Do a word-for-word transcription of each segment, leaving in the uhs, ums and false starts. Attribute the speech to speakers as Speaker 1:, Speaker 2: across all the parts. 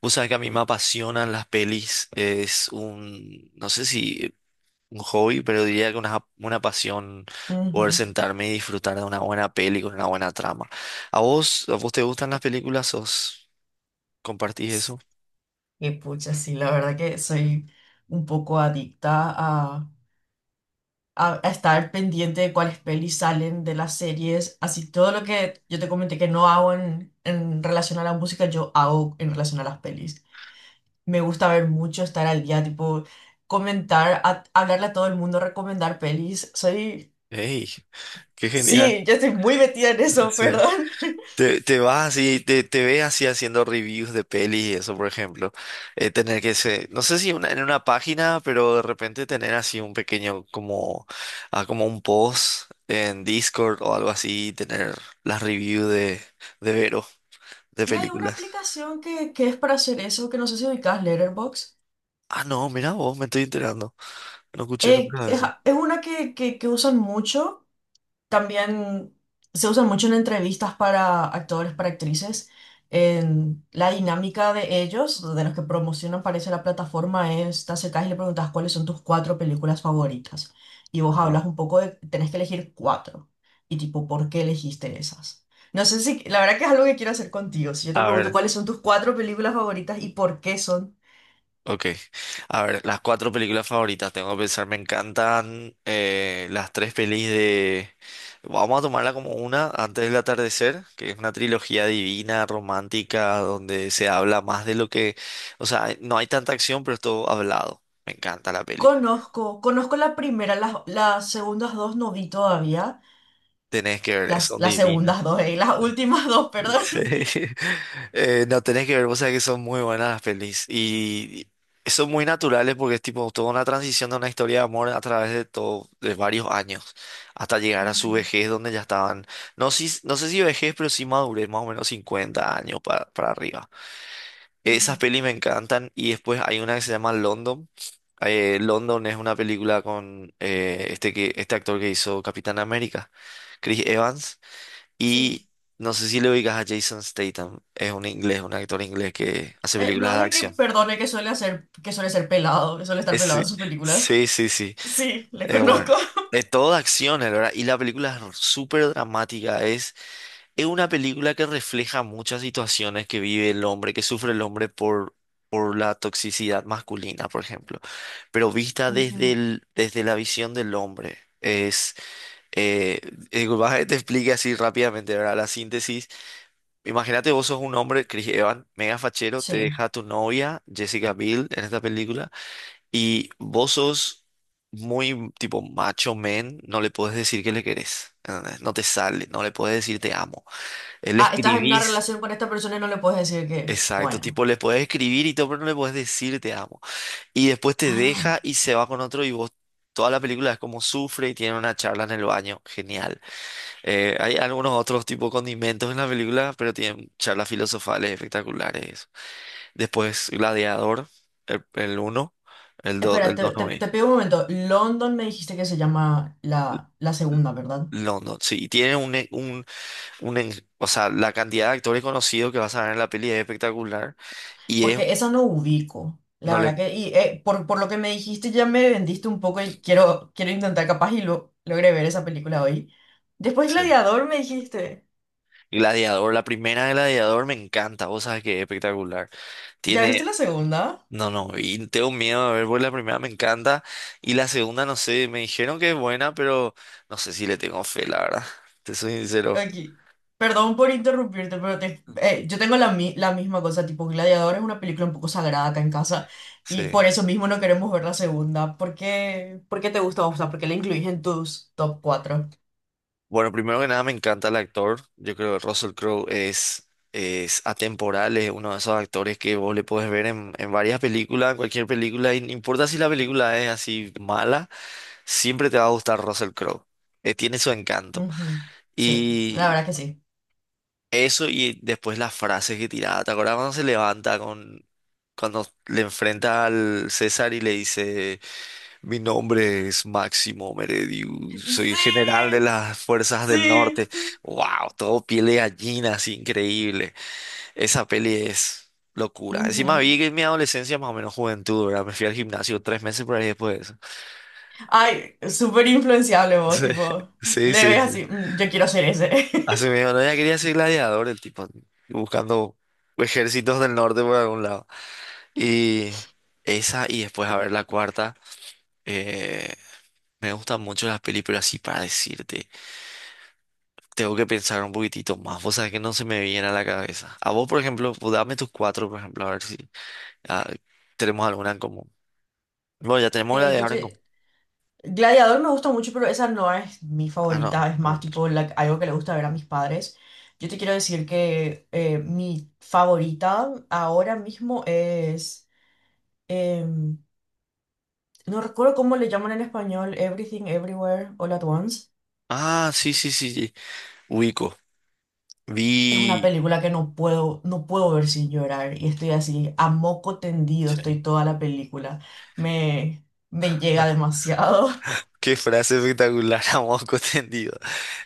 Speaker 1: Vos sabés que a mí me apasionan las pelis, es un, no sé si un hobby, pero diría que una, una pasión poder
Speaker 2: Ujú.
Speaker 1: sentarme y disfrutar de una buena peli con una buena trama. ¿A vos, a vos te gustan las películas? ¿Os compartís eso?
Speaker 2: Y pucha, sí, la verdad que soy un poco adicta a, a- a estar pendiente de cuáles pelis salen de las series. Así todo lo que yo te comenté que no hago en, en relación a la música, yo hago en relación a las pelis. Me gusta ver mucho, estar al día, tipo, comentar, a- hablarle a todo el mundo, recomendar pelis. Soy,
Speaker 1: ¡Ey! ¡Qué genial!
Speaker 2: sí, yo estoy muy metida en eso,
Speaker 1: Sí.
Speaker 2: perdón.
Speaker 1: Te, te vas así, te, te ves así haciendo reviews de pelis y eso, por ejemplo. Eh, tener que ser, no sé si una- en una página, pero de repente tener así un pequeño, como, ah, como un post en Discord o algo así, tener las reviews de, de Vero, de
Speaker 2: Y hay una
Speaker 1: películas.
Speaker 2: aplicación que, que es para hacer eso, que no sé si ubicás, Letterboxd.
Speaker 1: Ah, no, mira vos, me estoy enterando. No escuché
Speaker 2: Eh,
Speaker 1: nunca de
Speaker 2: es,
Speaker 1: eso.
Speaker 2: es una que, que, que usan mucho, también se usan mucho en entrevistas para actores, para actrices. En la dinámica de ellos, de los que promocionan, parece la plataforma, es te acercás y le preguntas cuáles son tus cuatro películas favoritas. Y vos
Speaker 1: Ajá.
Speaker 2: hablas un poco de, tenés que elegir cuatro. Y tipo, ¿por qué elegiste esas? No sé si, la verdad que es algo que quiero hacer contigo. Si yo te
Speaker 1: A
Speaker 2: pregunto
Speaker 1: ver.
Speaker 2: cuáles son tus cuatro películas favoritas y por qué son.
Speaker 1: Ok, a ver, las cuatro películas favoritas, tengo que pensar, me encantan eh, las tres pelis de... Vamos a tomarla como una, Antes del atardecer, que es una trilogía divina, romántica, donde se habla más de lo que... O sea, no hay tanta acción, pero es todo hablado. Me encanta la peli.
Speaker 2: Conozco, conozco la primera, las, las segundas dos no vi todavía.
Speaker 1: Tenés que ver,
Speaker 2: Las,
Speaker 1: son
Speaker 2: las
Speaker 1: divinas.
Speaker 2: segundas dos, eh, las últimas dos, perdón.
Speaker 1: Sí. Eh, no, tenés que ver, vos sabés que son muy buenas las pelis y y son muy naturales porque es tipo toda una transición de una historia de amor a través de todo, de varios años, hasta llegar a su
Speaker 2: Ujú,
Speaker 1: vejez donde ya estaban, no, si, no sé si vejez, pero sí madurez, más o menos cincuenta años para, para arriba. Esas
Speaker 2: ujú.
Speaker 1: pelis me encantan y después hay una que se llama London. Eh, London es una película con eh, este, que, este actor que hizo Capitán América, Chris Evans.
Speaker 2: Sí.
Speaker 1: Y no sé si le oigas a Jason Statham, es un inglés, un actor inglés que hace
Speaker 2: Eh, no
Speaker 1: películas de
Speaker 2: es el que
Speaker 1: acción.
Speaker 2: perdone que suele hacer, que suele ser pelado, que suele estar
Speaker 1: Es-
Speaker 2: pelado en sus películas.
Speaker 1: sí, sí, sí. sí.
Speaker 2: Sí, le
Speaker 1: Eh, bueno,
Speaker 2: conozco.
Speaker 1: de todo de acción, la verdad. Y la película es súper dramática. Es, es una película que refleja muchas situaciones que vive el hombre, que sufre el hombre por, por la toxicidad masculina, por ejemplo. Pero vista desde
Speaker 2: Ujú.
Speaker 1: el, desde la visión del hombre. Es, eh, eh, vas a- te explique así rápidamente, ¿verdad? La síntesis. Imagínate, vos sos un hombre, Chris Evans, mega fachero, te
Speaker 2: Sí.
Speaker 1: deja tu novia, Jessica Biel, en esta película, y vos sos muy tipo macho men, no le puedes decir que le querés, ¿entendés? No te sale, no le puedes decir te amo. Él Le
Speaker 2: Ah, estás en una
Speaker 1: escribís,
Speaker 2: relación con esta persona y no le puedes decir que.
Speaker 1: exacto,
Speaker 2: Bueno.
Speaker 1: tipo le puedes escribir y todo, pero no le puedes decir te amo. Y después te
Speaker 2: Ah.
Speaker 1: deja y se va con otro y vos, toda la película es como sufre y tiene una charla en el baño, genial. Eh, hay algunos otros tipo condimentos en la película, pero tienen charlas filosofales espectaculares. Después Gladiador, el, el uno, el dos,
Speaker 2: Espera,
Speaker 1: el dos
Speaker 2: te, te,
Speaker 1: no vi.
Speaker 2: te pido un momento. London me dijiste que se llama la, la segunda, ¿verdad?
Speaker 1: No, no, sí, y tiene un, e- un, un en- o sea, la cantidad de actores conocidos que vas a ver en la peli es espectacular y es,
Speaker 2: Porque eso no ubico, la
Speaker 1: no le,
Speaker 2: verdad que, y eh, por, por lo que me dijiste ya me vendiste un poco y quiero, quiero intentar capaz y lo, logré ver esa película hoy. Después
Speaker 1: sí.
Speaker 2: Gladiador me dijiste,
Speaker 1: Gladiador, la primera de Gladiador me encanta, vos sabes que es espectacular.
Speaker 2: ¿ya viste
Speaker 1: Tiene,
Speaker 2: la segunda?
Speaker 1: no, no, y tengo miedo de ver, pues la primera me encanta y la segunda, no sé, me dijeron que es buena, pero no sé si le tengo fe, la verdad, te soy sincero,
Speaker 2: Aquí. Perdón por interrumpirte, pero te- eh, yo tengo la, mi- la misma cosa, tipo Gladiador es una película un poco sagrada acá en casa y
Speaker 1: sí.
Speaker 2: por eso mismo no queremos ver la segunda. ¿Por qué, por qué te gusta? O sea, ¿por qué la incluís en tus top cuatro?
Speaker 1: Bueno, primero que nada me encanta el actor. Yo creo que Russell Crowe es, es atemporal, es uno de esos actores que vos le podés ver en, en varias películas, en cualquier película, y no importa si la película es así mala, siempre te va a gustar Russell Crowe. Eh, tiene su encanto.
Speaker 2: Sí, la
Speaker 1: Y
Speaker 2: verdad que sí.
Speaker 1: eso y después las frases que tiraba. ¿Te acuerdas cuando se levanta con, cuando le enfrenta al César y le dice... Mi nombre es Máximo Meredius, soy general de las Fuerzas del
Speaker 2: Sí,
Speaker 1: Norte.
Speaker 2: sí.
Speaker 1: ¡Wow! Todo piel de gallina, así increíble. Esa peli es locura. Encima vi
Speaker 2: Ujú.
Speaker 1: que en mi adolescencia, más o menos juventud, ¿verdad? Me fui al gimnasio tres meses por ahí después de eso.
Speaker 2: Ay, súper influenciable vos, tipo,
Speaker 1: Sí,
Speaker 2: le
Speaker 1: sí, sí.
Speaker 2: ves
Speaker 1: sí.
Speaker 2: así, "Mm, yo quiero ser ese."
Speaker 1: Hace medio no, ya quería ser gladiador el tipo, buscando ejércitos del norte por algún lado. Y esa, y después a ver la cuarta. Eh, me gustan mucho las películas, así para decirte. Tengo que pensar un poquitito más. Vos sabés que no se me viene a la cabeza. A vos, por ejemplo, pues, dame tus cuatro, por ejemplo, a ver si ah, tenemos alguna en común. Bueno, ya tenemos la
Speaker 2: Eh,
Speaker 1: de
Speaker 2: yo
Speaker 1: ahora en común.
Speaker 2: te... Gladiador me gusta mucho, pero esa no es mi
Speaker 1: Ah, no.
Speaker 2: favorita, es
Speaker 1: no.
Speaker 2: más
Speaker 1: no.
Speaker 2: tipo la- algo que le gusta ver a mis padres. Yo te quiero decir que eh, mi favorita ahora mismo es... em, no recuerdo cómo le llaman en español, Everything Everywhere All at Once.
Speaker 1: Ah, sí, sí, sí, sí. Ubico.
Speaker 2: Es una
Speaker 1: Vi.
Speaker 2: película que no puedo, no puedo ver sin llorar y estoy así, a moco tendido,
Speaker 1: Sí.
Speaker 2: estoy toda la película. Me, me llega demasiado.
Speaker 1: Qué frase espectacular, a moco tendido.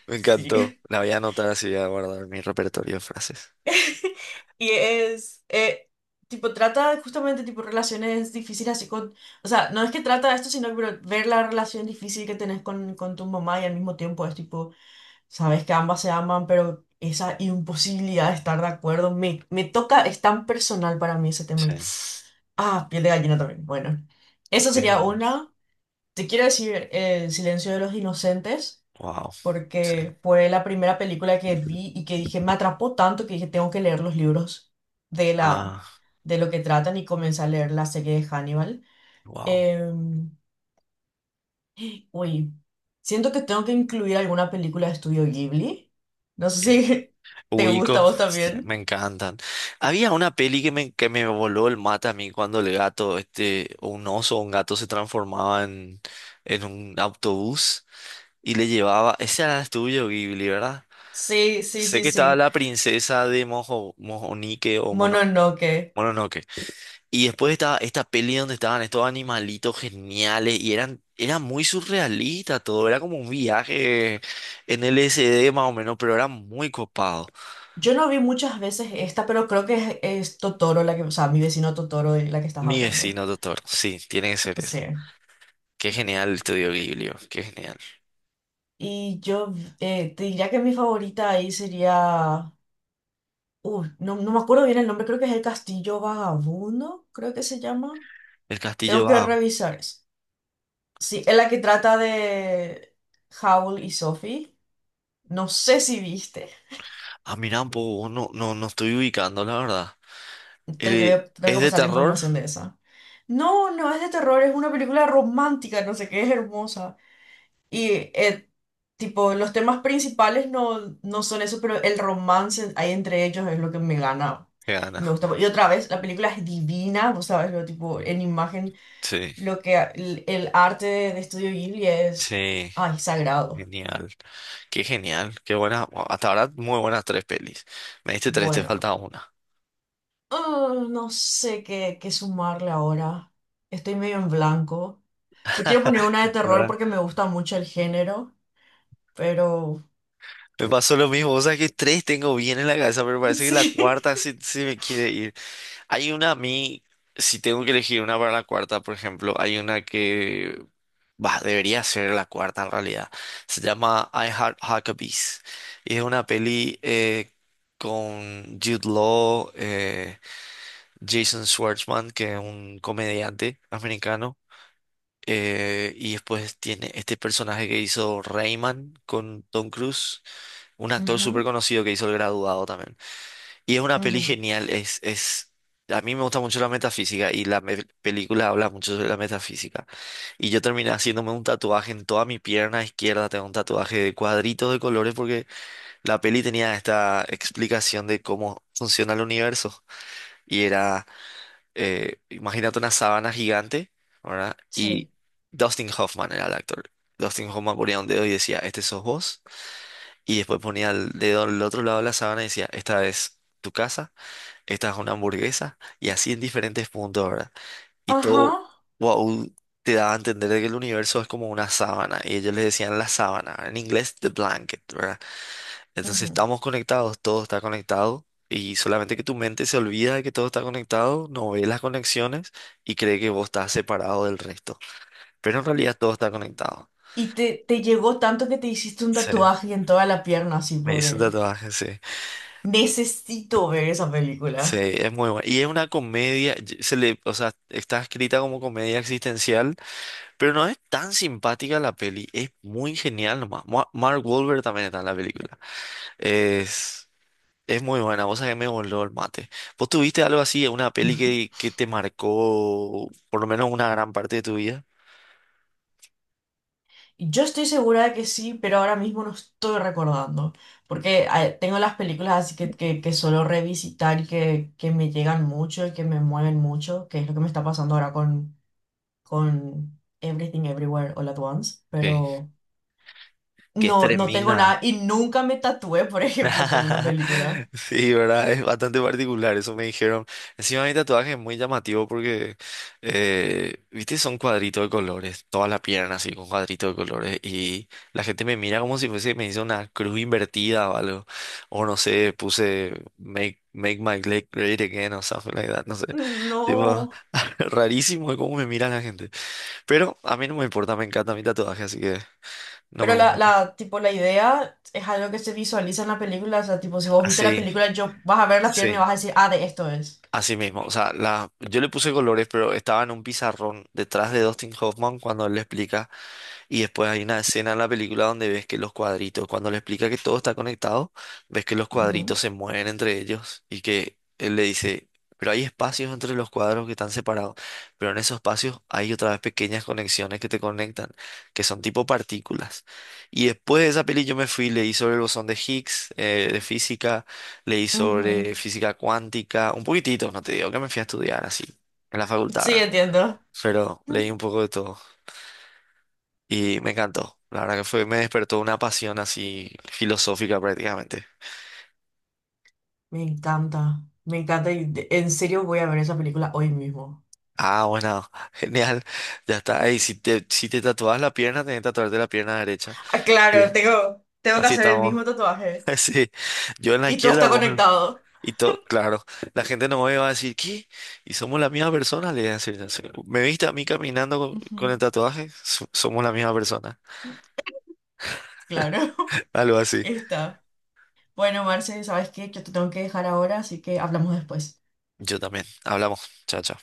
Speaker 1: Me encantó.
Speaker 2: Sí.
Speaker 1: La voy a anotar así, voy a guardar en mi repertorio de frases.
Speaker 2: Y es, eh, tipo, trata justamente, tipo, relaciones difíciles así con, o sea, no es que trata de esto, sino que ver la relación difícil que tenés con, con tu mamá y al mismo tiempo es, tipo, sabes que ambas se aman, pero esa imposibilidad de estar de acuerdo me, me toca, es tan personal para mí ese tema.
Speaker 1: Sí.
Speaker 2: Y ah, piel de gallina también. Bueno, esa
Speaker 1: Qué
Speaker 2: sería
Speaker 1: genial.
Speaker 2: una. Te quiero decir eh, El Silencio de los Inocentes,
Speaker 1: Wow. Sí.
Speaker 2: porque fue la primera película que vi y que dije, me atrapó tanto que dije, tengo que leer los libros de la,
Speaker 1: Ah,
Speaker 2: de lo que tratan y comencé a leer la serie de Hannibal.
Speaker 1: wow.
Speaker 2: Em, Uy, siento que tengo que incluir alguna película de Estudio Ghibli. No sé si te gusta a
Speaker 1: Ubico,
Speaker 2: vos
Speaker 1: me
Speaker 2: también.
Speaker 1: encantan. Había una peli que me, que me voló el mate a mí cuando el gato, este, o un oso o un gato se transformaba en, en un autobús y le llevaba. Ese era el tuyo, Ghibli, ¿verdad?
Speaker 2: Sí, sí,
Speaker 1: Sé
Speaker 2: sí,
Speaker 1: que estaba
Speaker 2: sí.
Speaker 1: la princesa de Mojo, Mojonique o Mono,
Speaker 2: Mononoke.
Speaker 1: Mononoke. Y después estaba esta peli donde estaban estos animalitos geniales y eran, era muy surrealista todo. Era como un viaje en L S D más o menos, pero era muy copado.
Speaker 2: Yo no vi muchas veces esta, pero creo que es, es Totoro la que, o sea, Mi vecino Totoro de la que estás
Speaker 1: Mi
Speaker 2: hablando.
Speaker 1: vecino, doctor. Sí, tiene que ser
Speaker 2: Sí.
Speaker 1: esa. Qué genial el estudio Ghibli, oh, qué genial.
Speaker 2: Y yo eh, te diría que mi favorita ahí sería. Uh, no, no me acuerdo bien el nombre, creo que es El Castillo Vagabundo, creo que se llama.
Speaker 1: El castillo
Speaker 2: Tengo que
Speaker 1: va.
Speaker 2: revisar eso. Sí, es la que trata de Howl y Sophie. No sé si viste.
Speaker 1: Ah, mirá, un poco, no, no, no estoy ubicando, la verdad.
Speaker 2: Te, te voy
Speaker 1: El-
Speaker 2: a- tengo
Speaker 1: ¿es
Speaker 2: que
Speaker 1: de
Speaker 2: pasar la
Speaker 1: terror?
Speaker 2: información de esa. No, no es de terror, es una película romántica, no sé qué, es hermosa. Y, eh, tipo, los temas principales no, no son eso, pero el romance ahí entre ellos es lo que me gana.
Speaker 1: Se
Speaker 2: Y me
Speaker 1: gana.
Speaker 2: gusta. Y otra vez, la película es divina, vos sabes, lo tipo, en imagen,
Speaker 1: Sí,
Speaker 2: lo que el, el arte de, de Estudio Ghibli es,
Speaker 1: sí,
Speaker 2: ay, sagrado.
Speaker 1: genial. Qué genial, qué buena. Bueno, hasta ahora, muy buenas tres pelis. Me diste tres, te
Speaker 2: Bueno,
Speaker 1: falta una.
Speaker 2: ah, no sé qué, qué sumarle ahora. Estoy medio en blanco. Te quiero poner una de terror
Speaker 1: ¿Verdad?
Speaker 2: porque me gusta mucho el género, pero...
Speaker 1: Me pasó lo mismo, o sea que tres tengo bien en la cabeza, pero parece que la
Speaker 2: Sí.
Speaker 1: cuarta sí, sí me quiere ir. Hay una a mí, si tengo que elegir una para la cuarta, por ejemplo, hay una que Bah, debería ser la cuarta en realidad. Se llama I Heart Huckabees. Y es una peli eh, con Jude Law, eh, Jason Schwartzman, que es un comediante americano. eh, y después tiene este personaje que hizo Rayman con Tom Cruise, un actor súper
Speaker 2: Ujú,
Speaker 1: conocido que hizo El Graduado también. Y es una peli
Speaker 2: ujú.
Speaker 1: genial, es, es, a mí me gusta mucho la metafísica y la me- película habla mucho sobre la metafísica. Y yo terminé haciéndome un tatuaje en toda mi pierna izquierda, tengo un tatuaje de cuadritos de colores porque la peli tenía esta explicación de cómo funciona el universo. Y era, eh, imagínate una sábana gigante, ¿verdad? Y
Speaker 2: Sí.
Speaker 1: Dustin Hoffman era el actor. Dustin Hoffman ponía un dedo y decía, este sos vos. Y después ponía el dedo al otro lado de la sábana y decía, esta es tu casa, esta es una hamburguesa, y así en diferentes puntos, ¿verdad? Y todo,
Speaker 2: Ajá.
Speaker 1: wow, te daba a entender de que el universo es como una sábana, y ellos les decían la sábana, en inglés the blanket, ¿verdad? Entonces
Speaker 2: Ujú.
Speaker 1: estamos conectados, todo está conectado, y solamente que tu mente se olvida de que todo está conectado, no ve las conexiones y cree que vos estás separado del resto, pero en realidad todo está conectado.
Speaker 2: Y te, te llegó tanto que te hiciste un
Speaker 1: Sí.
Speaker 2: tatuaje en toda la pierna así
Speaker 1: Me
Speaker 2: por
Speaker 1: hice un
Speaker 2: él.
Speaker 1: tatuaje, sí.
Speaker 2: Necesito ver esa
Speaker 1: Sí,
Speaker 2: película.
Speaker 1: es muy bueno. Y es una comedia, y- se le, o sea, está escrita como comedia existencial, pero no es tan simpática la peli, es muy genial nomás. Ma- Mark Wahlberg también está en la película. Es, es muy buena, vos sabés que me voló el mate. ¿Vos tuviste algo así, una peli que, que te marcó por lo menos una gran parte de tu vida?
Speaker 2: Yo estoy segura de que sí, pero ahora mismo no estoy recordando, porque eh, tengo las películas así que, que, que suelo revisitar y que, que me llegan mucho y que me mueven mucho, que es lo que me está pasando ahora con, con Everything Everywhere All at Once,
Speaker 1: Sí.
Speaker 2: pero
Speaker 1: Que es
Speaker 2: no, no tengo nada
Speaker 1: tremenda.
Speaker 2: y nunca me tatué, por ejemplo, por una película.
Speaker 1: Sí, ¿verdad? Es bastante particular, eso me dijeron. Encima mi tatuaje es muy llamativo porque, eh, viste, son cuadritos de colores, toda la pierna así con cuadritos de colores y la gente me mira como si fuese, me hizo una cruz invertida o algo, o no sé, puse make, make my leg great again o something like that, no sé. Tipo,
Speaker 2: No.
Speaker 1: rarísimo de cómo me mira la gente. Pero a mí no me importa, me encanta mi tatuaje, así que no
Speaker 2: Pero
Speaker 1: me
Speaker 2: la,
Speaker 1: molesta.
Speaker 2: la, tipo, la idea es algo que se visualiza en la película, o sea, tipo, si vos viste la
Speaker 1: Así,
Speaker 2: película, yo vas a ver la pierna
Speaker 1: sí.
Speaker 2: y
Speaker 1: sí.
Speaker 2: vas a decir, ah, de esto es.
Speaker 1: Así mismo, o sea, la, yo le puse colores, pero estaba en un pizarrón detrás de Dustin Hoffman cuando él le explica. Y después hay una escena en la película donde ves que los cuadritos, cuando le explica que todo está conectado, ves que los cuadritos se mueven entre ellos y que él le dice, pero hay espacios entre los cuadros que están separados, pero en esos espacios hay otra vez pequeñas conexiones que te conectan, que son tipo partículas. Y después de esa peli yo me fui, leí sobre el bosón de Higgs, eh, de física, leí
Speaker 2: Ujú.
Speaker 1: sobre
Speaker 2: Ujú.
Speaker 1: física cuántica, un poquitito, no te digo que me fui a estudiar así, en la facultad,
Speaker 2: Sí,
Speaker 1: ¿verdad?
Speaker 2: entiendo.
Speaker 1: Pero leí un poco de todo. Y me encantó. La verdad que fue, me despertó una pasión así filosófica prácticamente.
Speaker 2: Me encanta, me encanta y de- en serio voy a ver esa película hoy mismo.
Speaker 1: Ah, bueno, genial. Ya está. Ey, si te, si te tatuabas la pierna, tenés que tatuarte la pierna derecha.
Speaker 2: Ah, claro,
Speaker 1: Así,
Speaker 2: tengo, tengo que
Speaker 1: así
Speaker 2: hacer el
Speaker 1: estamos.
Speaker 2: mismo tatuaje.
Speaker 1: Sí. Yo en la
Speaker 2: Y todo
Speaker 1: izquierda,
Speaker 2: está
Speaker 1: vos en-
Speaker 2: conectado.
Speaker 1: Y todo, claro. La gente no me va a decir, ¿qué? ¿Y somos la misma persona? Le voy a decir, "Sí. ¿Me viste a mí caminando con,
Speaker 2: Ujú.
Speaker 1: con el tatuaje? So- somos la misma persona.
Speaker 2: Claro,
Speaker 1: Algo así.
Speaker 2: está. Bueno, Marce, ¿sabes qué? Yo te tengo que dejar ahora, así que hablamos después.
Speaker 1: Yo también. Hablamos. Chao, chao.